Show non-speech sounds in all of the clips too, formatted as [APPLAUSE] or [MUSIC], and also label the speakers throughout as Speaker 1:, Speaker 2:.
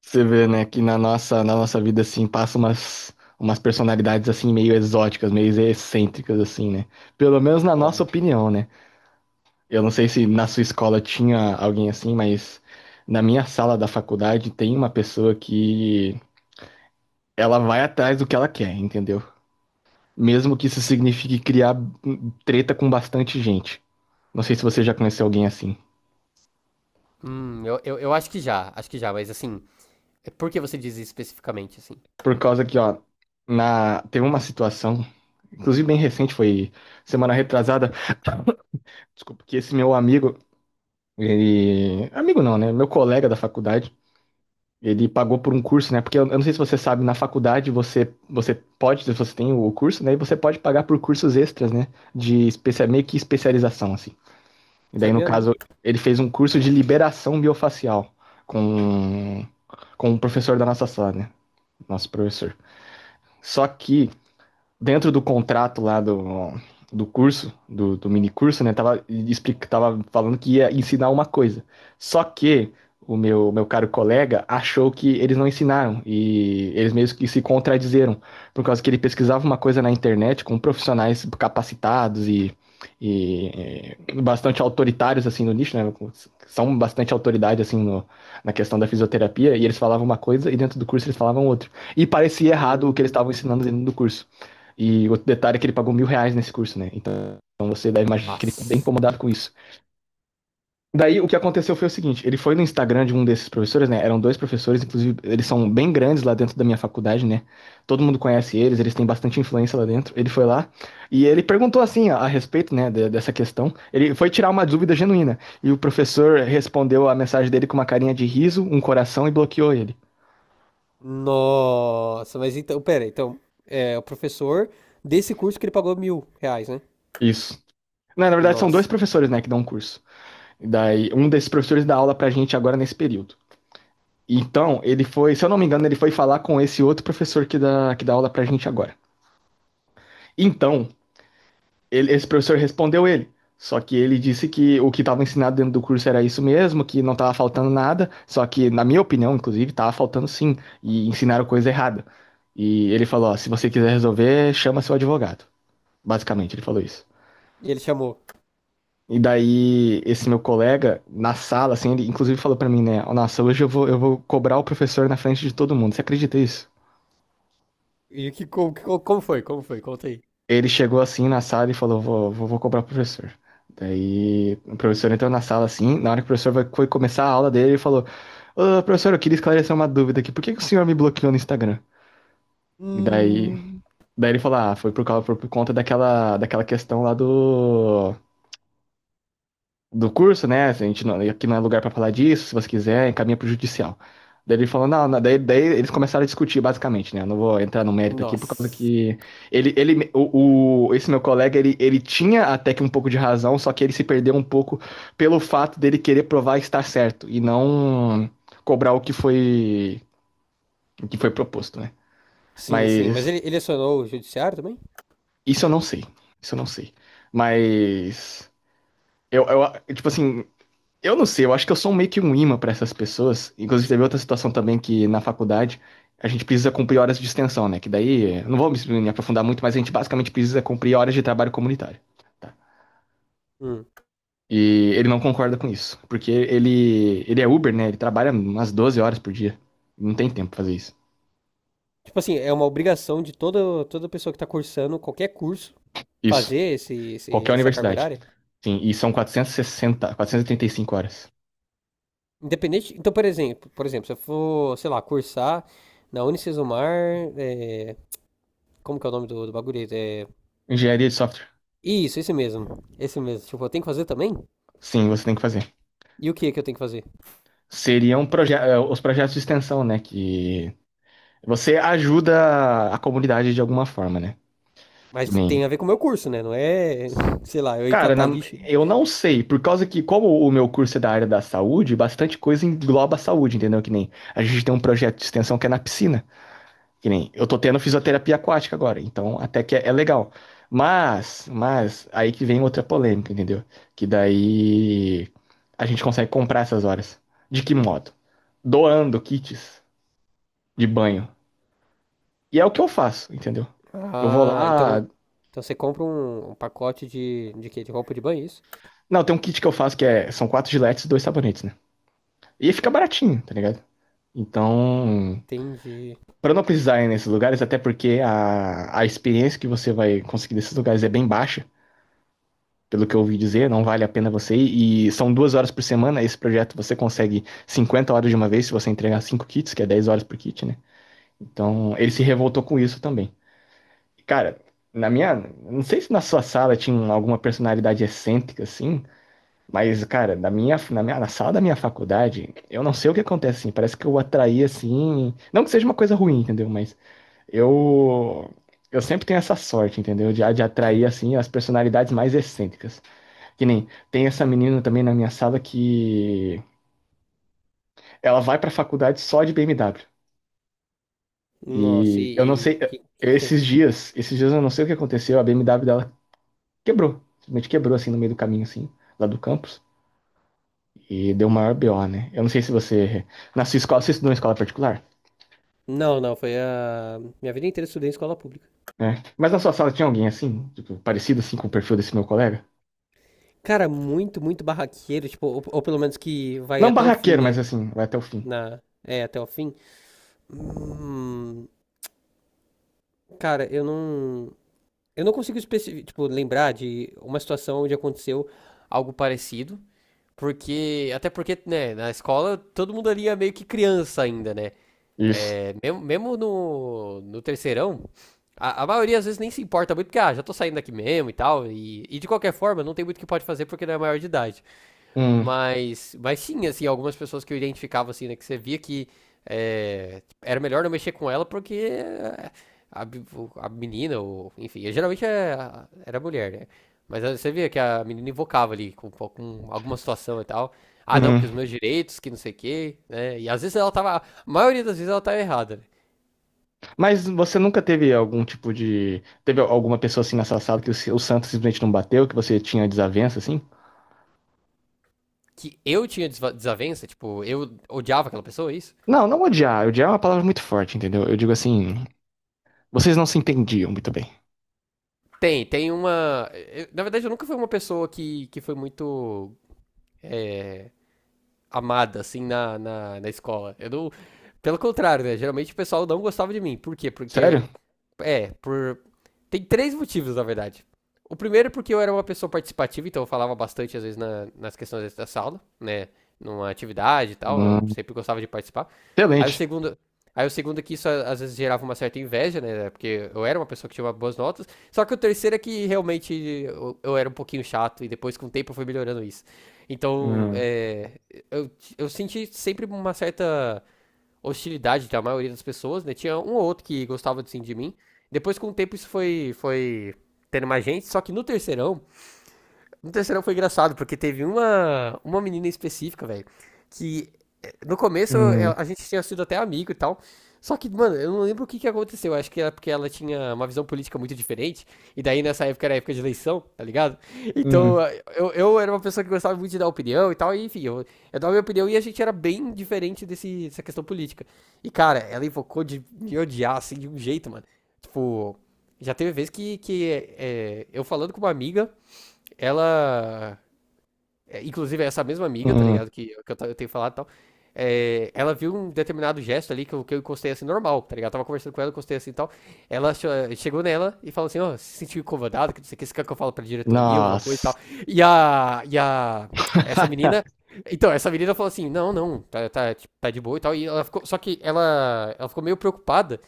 Speaker 1: Você vê, né, que na nossa vida, assim, passa umas personalidades, assim, meio exóticas, meio excêntricas, assim, né? Pelo menos na nossa
Speaker 2: Como?
Speaker 1: opinião, né? Eu não sei se na sua escola tinha alguém assim, mas na minha sala da faculdade tem uma pessoa que ela vai atrás do que ela quer, entendeu? Mesmo que isso signifique criar treta com bastante gente. Não sei se você já conheceu alguém assim.
Speaker 2: Eu acho que já, mas assim, por que você diz isso especificamente, assim?
Speaker 1: Por causa que, ó, teve uma situação, inclusive bem recente, foi semana retrasada. Desculpa, que esse meu amigo, ele... Amigo não, né? Meu colega da faculdade, ele pagou por um curso, né? Porque eu não sei se você sabe, na faculdade você pode, se você tem o curso, né? E você pode pagar por cursos extras, né? De meio que especialização, assim. E daí, no
Speaker 2: Sabia não?
Speaker 1: caso, ele fez um curso de liberação biofacial com, com um professor da nossa sala, né? Nosso professor. Só que dentro do contrato do curso, do mini curso, né? Tava, tava falando que ia ensinar uma coisa. Só que o meu caro colega achou que eles não ensinaram e eles mesmos que se contradizeram, por causa que ele pesquisava uma coisa na internet com profissionais capacitados e bastante autoritários assim no nicho, né? São bastante autoridade assim no, na questão da fisioterapia, e eles falavam uma coisa e dentro do curso eles falavam outra. E parecia errado o que eles estavam
Speaker 2: Hum.
Speaker 1: ensinando dentro do curso. E outro detalhe é que ele pagou mil reais nesse curso, né? Então você deve imaginar que ele ficou bem
Speaker 2: Nossa.
Speaker 1: incomodado com isso. Daí o que aconteceu foi o seguinte: ele foi no Instagram de um desses professores, né? Eram dois professores, inclusive eles são bem grandes lá dentro da minha faculdade, né? Todo mundo conhece eles, eles têm bastante influência lá dentro. Ele foi lá e ele perguntou assim a respeito, né, dessa questão. Ele foi tirar uma dúvida genuína e o professor respondeu a mensagem dele com uma carinha de riso, um coração, e bloqueou ele.
Speaker 2: Nossa, mas então, pera, então, é o professor desse curso que ele pagou R$ 1.000, né?
Speaker 1: Isso. Não, na verdade são dois
Speaker 2: Nossa, mano.
Speaker 1: professores, né, que dão um curso. Daí um desses professores dá aula pra gente agora nesse período. Então, ele foi, se eu não me engano, ele foi falar com esse outro professor que dá aula pra gente agora. Então, esse professor respondeu ele. Só que ele disse que o que estava ensinado dentro do curso era isso mesmo, que não estava faltando nada. Só que, na minha opinião, inclusive, estava faltando sim. E ensinaram coisa errada. E ele falou: ó, se você quiser resolver, chama seu advogado. Basicamente, ele falou isso.
Speaker 2: E ele chamou.
Speaker 1: E daí, esse meu colega, na sala, assim, ele inclusive falou pra mim, né? "Ó, nossa, hoje eu vou cobrar o professor na frente de todo mundo." Você acredita nisso?
Speaker 2: Como foi? Como foi? Conta aí.
Speaker 1: Ele chegou assim na sala e falou: vou cobrar o professor. Daí o professor entrou na sala assim. Na hora que o professor foi começar a aula dele, ele falou: Ô, professor, eu queria esclarecer uma dúvida aqui. Por que que o senhor me bloqueou no Instagram? Daí,
Speaker 2: Hum.
Speaker 1: daí ele falou: Ah, foi por conta daquela questão lá do curso, né? A gente não, aqui não é lugar pra falar disso, se você quiser, encaminha pro judicial. Daí ele falou, não, não, daí eles começaram a discutir basicamente, né? Eu não vou entrar no mérito aqui por causa
Speaker 2: Nossa.
Speaker 1: que esse meu colega, ele tinha até que um pouco de razão, só que ele se perdeu um pouco pelo fato dele querer provar estar certo e não cobrar o que foi proposto, né?
Speaker 2: Sim, sim. Mas
Speaker 1: Mas
Speaker 2: ele acionou o judiciário também?
Speaker 1: isso eu não sei, isso eu não sei. Mas eu, eu tipo assim, eu não sei, eu acho que eu sou meio que um imã pra essas pessoas. Inclusive, teve outra situação também que na faculdade a gente precisa cumprir horas de extensão, né? Que daí, não vou me aprofundar muito, mas a gente basicamente precisa cumprir horas de trabalho comunitário. Tá?
Speaker 2: Hum.
Speaker 1: E ele não concorda com isso, porque ele é Uber, né? Ele trabalha umas 12 horas por dia. Não tem tempo pra fazer isso.
Speaker 2: Tipo assim, é uma obrigação de toda pessoa que tá cursando qualquer curso
Speaker 1: Isso.
Speaker 2: fazer esse, esse-
Speaker 1: Qualquer
Speaker 2: essa carga
Speaker 1: universidade.
Speaker 2: horária.
Speaker 1: Sim, e são sessenta, quatrocentas e trinta e cinco horas.
Speaker 2: Independente. Então, por exemplo, se eu for, sei lá, cursar na Unicesumar, é, como que é o nome do bagulho? É,
Speaker 1: Engenharia de software.
Speaker 2: isso, esse mesmo. Esse mesmo. Tipo, eu tenho que fazer também?
Speaker 1: Sim, você tem que fazer.
Speaker 2: E o que que eu tenho que fazer?
Speaker 1: Seriam os projetos de extensão, né? Que você ajuda a comunidade de alguma forma, né? Que
Speaker 2: Mas
Speaker 1: nem.
Speaker 2: tem a ver com o meu curso, né? Não é, [LAUGHS] sei lá, eu ir
Speaker 1: Cara,
Speaker 2: catar lixo.
Speaker 1: eu não sei, por causa que, como o meu curso é da área da saúde, bastante coisa engloba a saúde, entendeu? Que nem a gente tem um projeto de extensão que é na piscina. Que nem eu tô tendo fisioterapia aquática agora, então até que é legal. Aí que vem outra polêmica, entendeu? Que daí a gente consegue comprar essas horas. De que modo? Doando kits de banho. E é o que eu faço, entendeu? Eu vou
Speaker 2: Ah,
Speaker 1: lá.
Speaker 2: então você compra um pacote de quê? De roupa de banho, isso?
Speaker 1: Não, tem um kit que eu faço que são quatro giletes e dois sabonetes, né? E fica baratinho, tá ligado? Então,
Speaker 2: Tem de.
Speaker 1: pra não precisar ir nesses lugares, até porque a experiência que você vai conseguir desses lugares é bem baixa, pelo que eu ouvi dizer, não vale a pena você ir. E são duas horas por semana. Esse projeto você consegue 50 horas de uma vez se você entregar cinco kits, que é 10 horas por kit, né? Então, ele se revoltou com isso também. Cara, na minha... Não sei se na sua sala tinha alguma personalidade excêntrica, assim. Mas, cara, na minha, na sala da minha faculdade, eu não sei o que acontece, assim, parece que eu atraí, assim, não que seja uma coisa ruim, entendeu? Mas eu, eu sempre tenho essa sorte, entendeu? De atrair, assim, as personalidades mais excêntricas. Que nem, tem essa menina também na minha sala que ela vai pra faculdade só de BMW.
Speaker 2: Nossa,
Speaker 1: E eu não
Speaker 2: e o
Speaker 1: sei,
Speaker 2: que, que tem?
Speaker 1: esses dias eu não sei o que aconteceu, a BMW dela quebrou, simplesmente quebrou, assim, no meio do caminho, assim, lá do campus. E deu maior BO, né? Eu não sei se você... Na sua escola, você estudou em escola particular?
Speaker 2: Não, não. Minha vida inteira eu estudei em escola pública.
Speaker 1: Né? Mas na sua sala tinha alguém assim, tipo, parecido assim com o perfil desse meu colega?
Speaker 2: Cara, muito, muito barraqueiro, tipo, ou pelo menos que vai
Speaker 1: Não
Speaker 2: até o fim,
Speaker 1: barraqueiro,
Speaker 2: né?
Speaker 1: mas assim, vai até o fim.
Speaker 2: Até o fim. Hum, Cara, eu não consigo tipo, lembrar de uma situação onde aconteceu algo parecido, porque, até porque, né, na escola todo mundo ali é meio que criança ainda, né?
Speaker 1: Isso.
Speaker 2: Mesmo, mesmo no terceirão, a maioria às vezes nem se importa muito, porque, ah, já tô saindo daqui mesmo e tal, e de qualquer forma não tem muito o que pode fazer porque não é maior de idade.
Speaker 1: Hum,
Speaker 2: Mas sim, assim, algumas pessoas que eu identificava, assim, né, que você via que era melhor não mexer com ela porque a menina, ou, enfim, geralmente era mulher, né? Mas aí você via que a menina invocava ali com alguma situação e tal. Ah, não,
Speaker 1: hum.
Speaker 2: porque os meus direitos, que não sei o quê, né? E às vezes ela tava, a maioria das vezes ela tava errada, né?
Speaker 1: Mas você nunca teve algum tipo de... Teve alguma pessoa assim na sua sala que o, o santo simplesmente não bateu, que você tinha desavença, assim?
Speaker 2: Que eu tinha desavença, tipo, eu odiava aquela pessoa, é isso?
Speaker 1: Não, não odiar. Odiar é uma palavra muito forte, entendeu? Eu digo assim, vocês não se entendiam muito bem.
Speaker 2: Tem uma. Na verdade, eu nunca fui uma pessoa que foi muito. é, Amada, assim, na escola. Eu não. Pelo contrário, né? Geralmente o pessoal não gostava de mim. Por quê?
Speaker 1: Sério?
Speaker 2: Porque. É, por. Tem três motivos, na verdade. O primeiro é porque eu era uma pessoa participativa, então eu falava bastante, às vezes, nas questões da sala, né? Numa atividade e tal, eu
Speaker 1: Hum,
Speaker 2: sempre gostava de participar. Aí o
Speaker 1: excelente.
Speaker 2: segundo. Aí o segundo é que isso às vezes gerava uma certa inveja, né? Porque eu era uma pessoa que tinha boas notas. Só que o terceiro é que realmente eu era um pouquinho chato e depois com o tempo eu fui melhorando isso. Então,
Speaker 1: Hum,
Speaker 2: eu, eu senti sempre uma certa hostilidade da maioria das pessoas, né? Tinha um ou outro que gostava assim, de mim. Depois, com o tempo, isso foi tendo mais gente. Só que no terceirão foi engraçado, porque teve uma menina específica, velho, que no começo
Speaker 1: hum,
Speaker 2: a gente tinha sido até amigo e tal. Só que, mano, eu não lembro o que que aconteceu. Acho que era porque ela tinha uma visão política muito diferente. E daí nessa época era época de eleição, tá ligado? Então
Speaker 1: hum,
Speaker 2: eu era uma pessoa que gostava muito de dar opinião e tal. E enfim, eu dava minha opinião e a gente era bem diferente dessa questão política. E cara, ela invocou de me odiar assim de um jeito, mano. Tipo, já teve vez que eu falando com uma amiga ela. Inclusive, é essa mesma amiga, tá
Speaker 1: hum.
Speaker 2: ligado? Que eu tenho falado e tal. Ela viu um determinado gesto ali que eu encostei assim, normal, tá ligado? Eu tava conversando com ela, encostei assim e tal. Ela chegou nela e falou assim: Ó, se sentiu incomodado, que não sei o que, você quer que eu falo pra diretoria, alguma coisa e tal.
Speaker 1: Nossa.
Speaker 2: E a. E a. Essa menina.
Speaker 1: [LAUGHS]
Speaker 2: Então, essa menina falou assim: Não, não, tá, tá, tipo, tá de boa e tal. E ela ficou. Só que ela ficou meio preocupada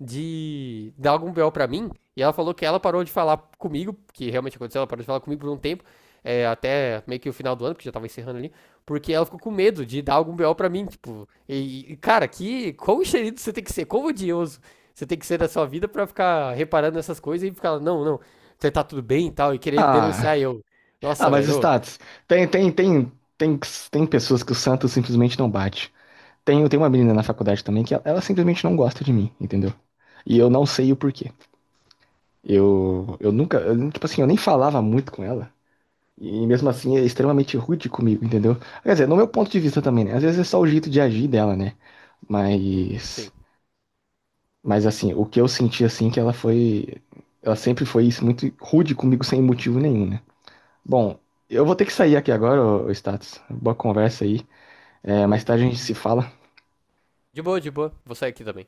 Speaker 2: de dar algum BO pra mim. E ela falou que ela parou de falar comigo, que realmente aconteceu, ela parou de falar comigo por um tempo até meio que o final do ano, porque já tava encerrando ali, porque ela ficou com medo de dar algum BO pra mim, tipo. E, cara, que. Quão enxerido você tem que ser? Quão odioso você tem que ser da sua vida pra ficar reparando nessas coisas e ficar, não, não, você tá tudo bem e tal, e querer
Speaker 1: Ah,
Speaker 2: denunciar eu.
Speaker 1: ah,
Speaker 2: Nossa,
Speaker 1: mas
Speaker 2: velho. Ô.
Speaker 1: Status. Tem, tem, tem, tem, tem pessoas que o Santos simplesmente não bate. Tem uma menina na faculdade também que ela simplesmente não gosta de mim, entendeu? E eu não sei o porquê. Eu nunca, eu, tipo assim, eu nem falava muito com ela. E mesmo assim é extremamente rude comigo, entendeu? Quer dizer, no meu ponto de vista também, né? Às vezes é só o jeito de agir dela, né?
Speaker 2: Sim,
Speaker 1: Mas,
Speaker 2: sim.
Speaker 1: mas assim, o que eu senti assim que ela foi, ela sempre foi isso muito rude comigo sem motivo nenhum, né? Bom, eu vou ter que sair aqui agora, ô ô Status. Boa conversa aí. É, mais
Speaker 2: Opa.
Speaker 1: tarde a gente se fala.
Speaker 2: De boa, de boa. Vou sair aqui também.